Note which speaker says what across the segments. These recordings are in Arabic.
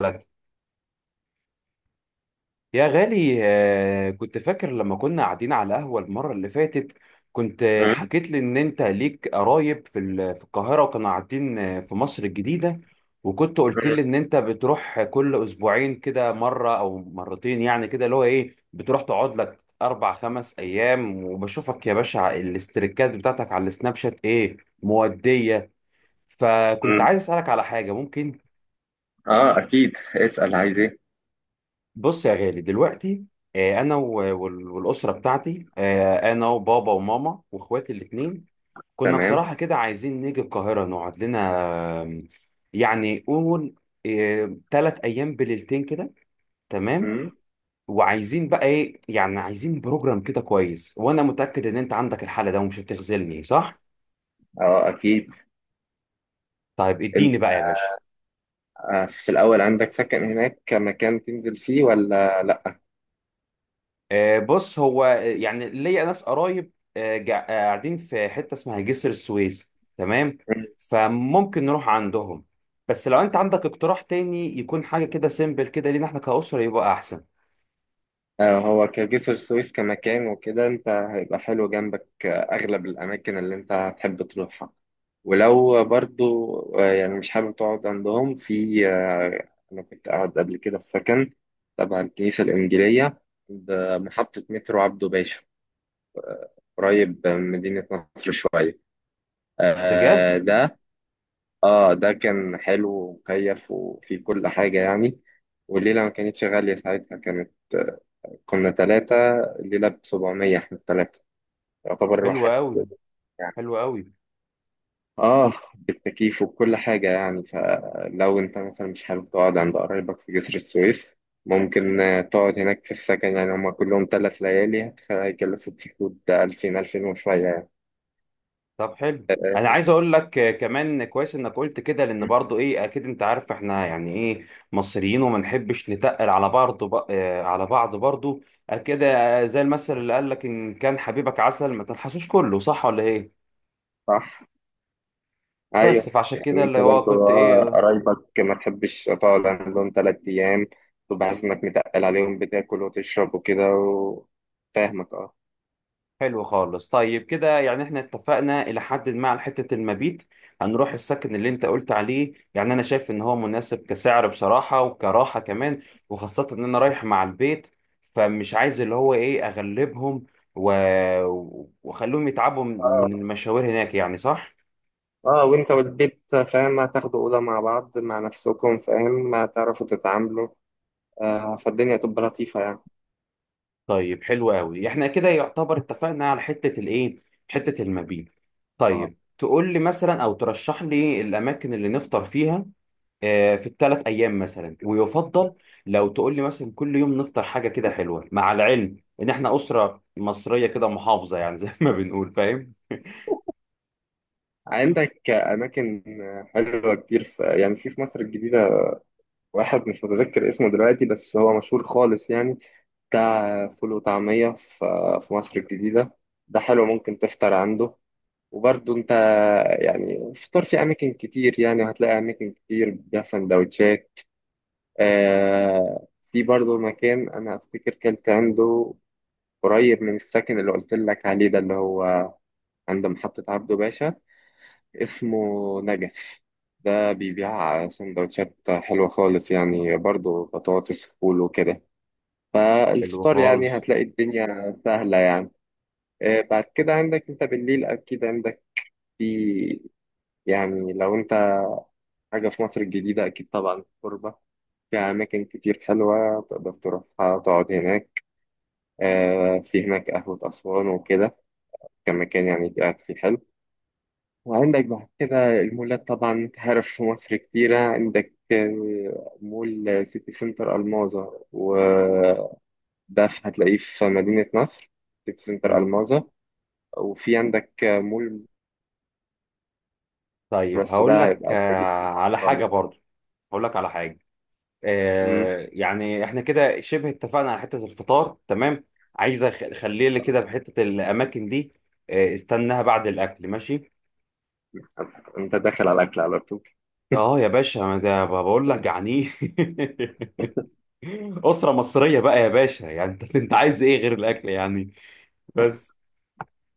Speaker 1: لك يا غالي، كنت فاكر لما كنا قاعدين على قهوة المرة اللي فاتت. كنت
Speaker 2: مم.
Speaker 1: حكيت لي إن أنت ليك قرايب في القاهرة وكانوا قاعدين في مصر الجديدة. وكنت قلت
Speaker 2: مم.
Speaker 1: لي إن أنت بتروح كل أسبوعين كده مرة أو مرتين، يعني كده اللي هو إيه بتروح تقعد لك 4 5 أيام، وبشوفك يا باشا الاستريكات بتاعتك على السناب شات إيه مودية. فكنت
Speaker 2: مم.
Speaker 1: عايز أسألك على حاجة، ممكن؟
Speaker 2: اه اكيد، اسال، عايز ايه؟
Speaker 1: بص يا غالي دلوقتي، انا والاسره بتاعتي، انا وبابا وماما واخواتي الاثنين كنا
Speaker 2: تمام.
Speaker 1: بصراحه كده عايزين نيجي القاهره نقعد لنا، آم، يعني قول 3 ايام بليلتين كده، تمام.
Speaker 2: مم.
Speaker 1: وعايزين بقى ايه، يعني عايزين بروجرام كده كويس، وانا متاكد ان انت عندك الحاله ده ومش هتخذلني، صح؟
Speaker 2: اه اكيد.
Speaker 1: طيب
Speaker 2: انت
Speaker 1: اديني بقى يا باشا.
Speaker 2: في الاول عندك سكن هناك كمكان تنزل فيه ولا لا؟
Speaker 1: بص هو يعني ليا ناس قرايب قاعدين في حته اسمها جسر السويس، تمام.
Speaker 2: مم.
Speaker 1: فممكن نروح عندهم، بس لو انت عندك اقتراح تاني يكون حاجه كده سيمبل كده لينا احنا كأسره يبقى احسن.
Speaker 2: هو كجسر السويس كمكان وكده، انت هيبقى حلو جنبك. اغلب الاماكن اللي انت هتحب تروحها، ولو برضو يعني مش حابب تقعد عندهم، في آه انا كنت قاعد قبل كده في سكن تبع الكنيسة الإنجيلية بمحطة مترو عبده باشا، قريب من مدينة نصر شوية.
Speaker 1: بجد؟
Speaker 2: آه ده، اه، ده كان حلو ومكيف وفيه كل حاجة يعني. والليلة ما كانتش غالية ساعتها، كانت، كنا 3، الليلة ب700 احنا ال3 يعتبر
Speaker 1: حلو
Speaker 2: واحد
Speaker 1: قوي.
Speaker 2: يعني.
Speaker 1: حلو قوي.
Speaker 2: اه، بالتكييف وكل حاجة يعني. فلو انت مثلا مش حابب تقعد عند قرايبك في جسر السويس، ممكن تقعد هناك في السكن. يعني هما كلهم 3 ليالي هيكلفوا في حدود 2000، 2000 وشوية يعني.
Speaker 1: طب حلو. انا
Speaker 2: آه،
Speaker 1: عايز اقول لك كمان كويس انك قلت كده، لان برضو ايه اكيد انت عارف احنا يعني ايه مصريين وما نحبش نتقل على بعض، ب... آه، على بعض برضو، كده. زي المثل اللي قال لك ان كان حبيبك عسل ما تنحسوش كله، صح ولا ايه؟
Speaker 2: صح.
Speaker 1: بس
Speaker 2: ايوه،
Speaker 1: فعشان كده
Speaker 2: يعني
Speaker 1: اللي
Speaker 2: انت
Speaker 1: هو
Speaker 2: برضه
Speaker 1: كنت ايه.
Speaker 2: قرايبك ما تحبش تقعد عندهم 3 ايام، تبقى حاسس انك متقل عليهم بتاكل وتشرب وكده. وفاهمك اه.
Speaker 1: حلو خالص. طيب كده يعني احنا اتفقنا الى حد ما على حته المبيت. هنروح السكن اللي انت قلت عليه، يعني انا شايف ان هو مناسب كسعر بصراحه وكراحه كمان، وخاصه ان انا رايح مع البيت، فمش عايز اللي هو ايه اغلبهم و... واخليهم يتعبوا من
Speaker 2: اه
Speaker 1: من المشاوير هناك، يعني صح.
Speaker 2: اه، وانت والبيت فاهم، هتاخدوا اوضه مع بعض مع نفسكم، فاهم هتعرفوا تتعاملوا. فالدنيا تبقى لطيفه يعني.
Speaker 1: طيب حلو قوي. احنا كده يعتبر اتفقنا على حته الايه، حته المبيت.
Speaker 2: اه،
Speaker 1: طيب تقول لي مثلا او ترشح لي الاماكن اللي نفطر فيها في الثلاث ايام مثلا. ويفضل لو تقول لي مثلا كل يوم نفطر حاجه كده حلوه، مع العلم ان احنا اسره مصريه كده محافظه يعني زي ما بنقول، فاهم.
Speaker 2: عندك اماكن حلوه كتير، في يعني في في مصر الجديده. واحد مش متذكر اسمه دلوقتي، بس هو مشهور خالص يعني، بتاع فول وطعمية في في مصر الجديدة. ده حلو، ممكن تفطر عنده. وبرضه انت، يعني فطار في اماكن كتير يعني، وهتلاقي اماكن كتير بيها سندوتشات. في برضه مكان انا افتكر كلت عنده، قريب من السكن اللي قلت لك عليه، ده اللي هو عند محطة عبده باشا، اسمه نجف. ده بيبيع سندوتشات حلوة خالص يعني، برضه بطاطس فول وكده.
Speaker 1: حلو
Speaker 2: فالفطار
Speaker 1: خالص.
Speaker 2: يعني هتلاقي الدنيا سهلة يعني. بعد كده عندك انت بالليل اكيد عندك، في يعني لو انت حاجة في مصر الجديدة، اكيد طبعا الكوربة، في اماكن كتير حلوة تقدر تروحها تقعد هناك. في هناك قهوة اسوان وكده، كمكان يعني قاعد فيه حلو. وعندك بعد كده المولات، طبعا انت عارف في مصر كتيرة. عندك مول سيتي سنتر الماظة وده، هتلاقيه في مدينة نصر، سيتي سنتر
Speaker 1: مم.
Speaker 2: الماظة. وفي عندك مول،
Speaker 1: طيب
Speaker 2: بس
Speaker 1: هقول
Speaker 2: ده
Speaker 1: لك
Speaker 2: هيبقى بعيد طبعاً
Speaker 1: على حاجه
Speaker 2: خالص.
Speaker 1: برضو. هقول لك على حاجه،
Speaker 2: مم.
Speaker 1: يعني احنا كده شبه اتفقنا على حته الفطار، تمام. عايز اخليه لي كده في حته الاماكن دي، استناها بعد الاكل، ماشي.
Speaker 2: انت داخل على الاكل على طول.
Speaker 1: اه يا باشا، ما ده بقول لك جعانين. أسرة مصرية بقى يا باشا، يعني انت انت عايز ايه غير الاكل يعني، بس.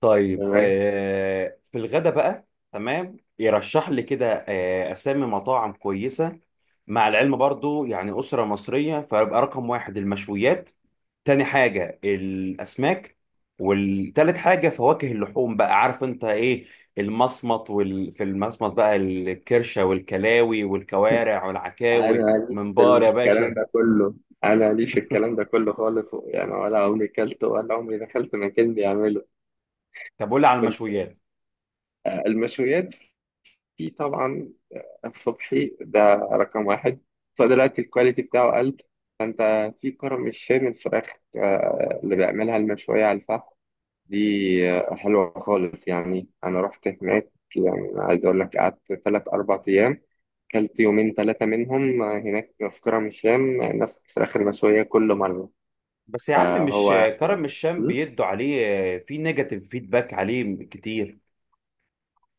Speaker 1: طيب
Speaker 2: تمام.
Speaker 1: في الغدا بقى، تمام. يرشح لي كده اسامي مطاعم كويسة، مع العلم برضو يعني أسرة مصرية فيبقى رقم واحد المشويات، تاني حاجة الأسماك، والتالت حاجة فواكه اللحوم، بقى عارف انت ايه، المصمت في المصمت بقى الكرشة والكلاوي والكوارع
Speaker 2: انا
Speaker 1: والعكاوي
Speaker 2: ماليش في
Speaker 1: منبار يا
Speaker 2: الكلام
Speaker 1: باشا.
Speaker 2: ده كله انا ماليش في الكلام ده كله خالص يعني، ولا عمري كلت ولا عمري دخلت مكان بيعمله.
Speaker 1: طب قول لي على
Speaker 2: كنت،
Speaker 1: المشويات.
Speaker 2: المشويات، في طبعا الصبحي ده رقم واحد، فدلوقتي الكواليتي بتاعه قل. فانت في كرم الشام الفراخ، اللي بيعملها المشوية على الفحم دي، حلوة خالص يعني. أنا رحت هناك، يعني عايز أقول لك قعدت 3 أو 4 أيام، كلت 2 أو 3 منهم هناك في كرم الشام، نفس الفراخ المشوية كل مرة.
Speaker 1: بس يا عم، مش
Speaker 2: فهو،
Speaker 1: كرم الشام
Speaker 2: م?
Speaker 1: بيدوا عليه؟ في نيجاتيف فيدباك عليه كتير.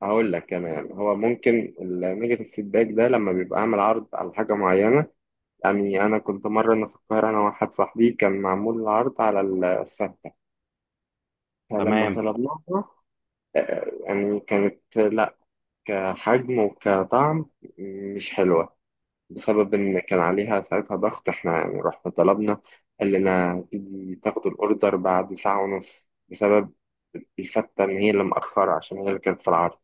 Speaker 2: هقول لك كمان، هو ممكن النيجاتيف فيدباك ده لما بيبقى عامل عرض على حاجة معينة. يعني أنا كنت مرة أنا في القاهرة، أنا وواحد صاحبي، كان معمول العرض على الفتة، فلما
Speaker 1: تمام.
Speaker 2: طلبناها يعني كانت، لا، كحجم وكطعم مش حلوة، بسبب إن كان عليها ساعتها ضغط. إحنا يعني رحنا طلبنا، قال لنا تيجي تاخدوا الأوردر بعد ساعة ونص، بسبب الفتة إن هي اللي مأخرة عشان هي اللي كانت في العرض.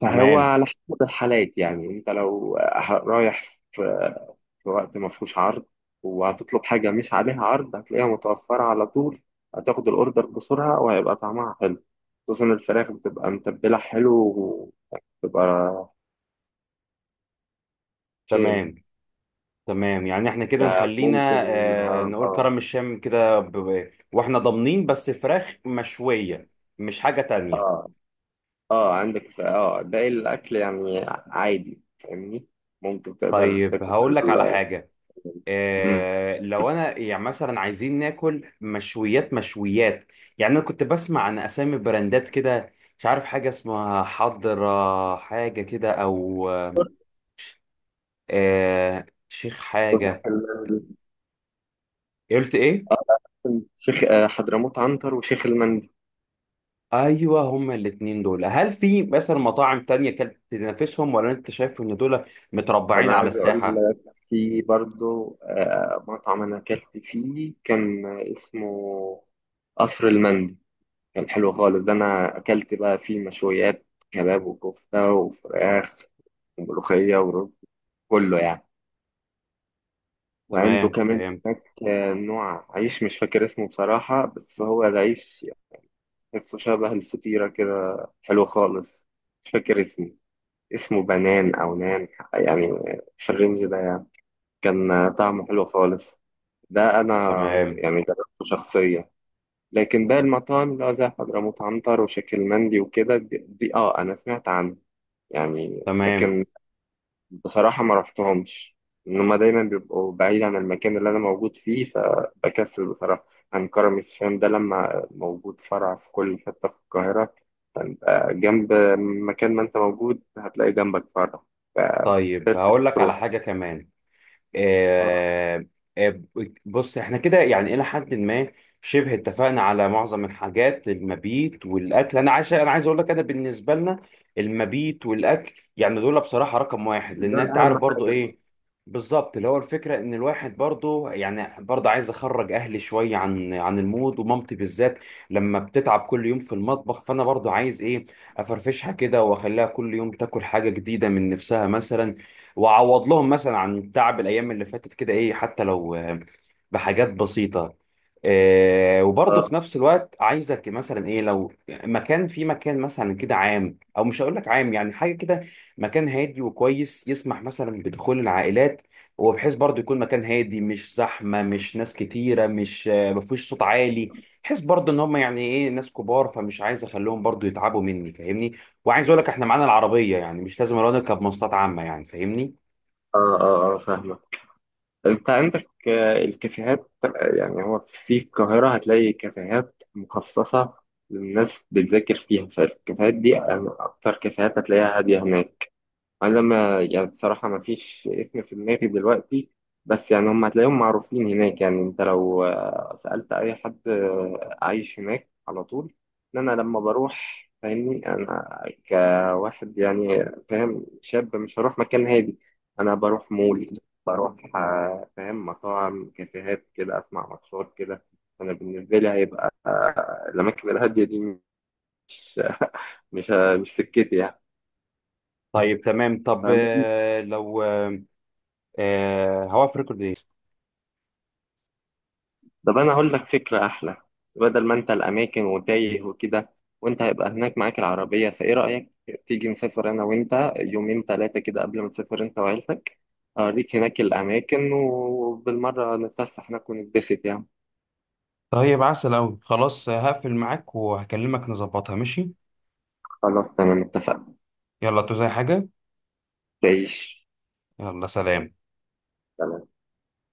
Speaker 2: فهو
Speaker 1: تمام.
Speaker 2: على حسب الحالات يعني. أنت لو رايح في في وقت ما فيهوش عرض، وهتطلب حاجة مش عليها عرض، هتلاقيها متوفرة على طول، هتاخد الأوردر بسرعة، وهيبقى طعمها حلو، خصوصا الفراخ بتبقى متبلة حلو، وبتبقى شام.
Speaker 1: تمام. تمام، يعني احنا كده
Speaker 2: يعني
Speaker 1: نخلينا
Speaker 2: ممكن،
Speaker 1: نقول
Speaker 2: اه.
Speaker 1: كرم الشام كده واحنا ضامنين بس فراخ مشوية، مش حاجة تانية.
Speaker 2: آه. اه، عندك اه باقي الاكل يعني عادي فاهمني، ممكن تقدر
Speaker 1: طيب
Speaker 2: تاكل.
Speaker 1: هقول لك على حاجة،
Speaker 2: مم.
Speaker 1: لو انا يعني مثلا عايزين ناكل مشويات مشويات، يعني انا كنت بسمع عن اسامي براندات كده، مش عارف حاجة اسمها حضرة حاجة كده، او شيخ حاجة. إيه قلت ايه؟
Speaker 2: شيخ حضرموت عنتر وشيخ المندي.
Speaker 1: ايوه، هما الاتنين دول. هل في مثلا مطاعم تانية كانت تنافسهم، ولا انت شايف ان دول متربعين
Speaker 2: انا
Speaker 1: على
Speaker 2: عايز اقول
Speaker 1: الساحة؟
Speaker 2: لك في برضو مطعم انا اكلت فيه، كان اسمه قصر المندي. كان حلو خالص. ده انا اكلت بقى فيه مشويات، كباب وكفته وفراخ وملوخيه ورز، كله يعني. وعنده
Speaker 1: تمام،
Speaker 2: كمان
Speaker 1: فهمت.
Speaker 2: هناك نوع عيش مش فاكر اسمه بصراحه، بس هو العيش اسمه شبه الفطيرة كده، حلو خالص. مش فاكر اسمه، اسمه بنان أو نان يعني، في الرينج ده يعني. كان طعمه حلو خالص، ده أنا
Speaker 1: تمام.
Speaker 2: يعني جربته شخصيا. لكن باقي المطاعم اللي هو زي حضرموت عنتر وشكل مندي وكده، دي اه أنا سمعت عنه يعني،
Speaker 1: تمام.
Speaker 2: لكن بصراحة ما رحتهمش، إن هما دايما بيبقوا بعيد عن المكان اللي أنا موجود فيه، فبكسل بصراحة عن كرم الشام ده، لما موجود فرع في كل حتة في القاهرة، فأنت جنب مكان ما أنت موجود هتلاقي جنبك فرع،
Speaker 1: طيب
Speaker 2: فبكسل
Speaker 1: هقول لك على
Speaker 2: بتروح.
Speaker 1: حاجة كمان،
Speaker 2: آه،
Speaker 1: آه، آه، بص احنا كده يعني الى حد ما شبه اتفقنا على معظم الحاجات، المبيت والاكل. انا عايز اقول لك انا بالنسبه لنا المبيت والاكل يعني دول بصراحه رقم واحد، لان
Speaker 2: دول
Speaker 1: انت
Speaker 2: أهم
Speaker 1: عارف برضو
Speaker 2: حاجة.
Speaker 1: ايه، بالظبط. اللي هو الفكره ان الواحد برضو يعني برضو عايز اخرج اهلي شويه عن المود، ومامتي بالذات لما بتتعب كل يوم في المطبخ، فانا برضو عايز ايه افرفشها كده، واخليها كل يوم تاكل حاجه جديده من نفسها مثلا، واعوض لهم مثلا عن تعب الايام اللي فاتت كده، ايه حتى لو بحاجات بسيطه. وبرضه
Speaker 2: آه
Speaker 1: في نفس الوقت عايزك مثلا ايه، لو مكان في مكان مثلا كده عام، او مش هقول لك عام، يعني حاجه كده مكان هادي وكويس يسمح مثلا بدخول العائلات، وبحيث برضه يكون مكان هادي، مش زحمه، مش ناس كتيره، مش آه، ما فيهوش صوت عالي، بحيث برضه ان هم يعني ايه ناس كبار، فمش عايز اخليهم برضه يتعبوا مني، فاهمني. وعايز اقول لك احنا معانا العربيه، يعني مش لازم نركب مواصلات عامه، يعني فاهمني.
Speaker 2: آه آه، فاهمك. انت عندك الكافيهات، يعني هو في القاهرة هتلاقي كافيهات مخصصة للناس بتذاكر فيها، فالكافيهات دي أكتر كافيهات هتلاقيها هادية هناك. انا ما يعني بصراحه ما فيش اسم في دماغي دلوقتي، بس يعني هم هتلاقيهم معروفين هناك يعني. انت لو سالت اي حد عايش هناك، على طول ان انا لما بروح فاهمني، انا كواحد يعني فاهم، شاب، مش هروح مكان هادي. انا بروح مول، بروح فاهم مطاعم، كافيهات كده، اسمع ماتشات كده. انا بالنسبه لي هيبقى الاماكن الهاديه دي مش مش مش سكتي يعني.
Speaker 1: طيب تمام. طب
Speaker 2: فاهم.
Speaker 1: آه، لو آه، آه، هوقف ريكورد ايه.
Speaker 2: طب انا هقول لك فكره احلى، بدل ما انت الاماكن وتايه وكده، وانت هيبقى هناك معاك العربيه، فايه رايك تيجي نسافر انا وانت 2 أو 3 كده قبل ما تسافر انت وعيلتك، اوريك هناك الاماكن وبالمره نتفسح هناك ونتبسط يعني.
Speaker 1: طيب عسل أوي، خلاص هقفل معاك وهكلمك نظبطها، ماشي.
Speaker 2: خلاص تمام اتفقنا.
Speaker 1: يلا، تو زي حاجة.
Speaker 2: تعيش.
Speaker 1: يلا سلام.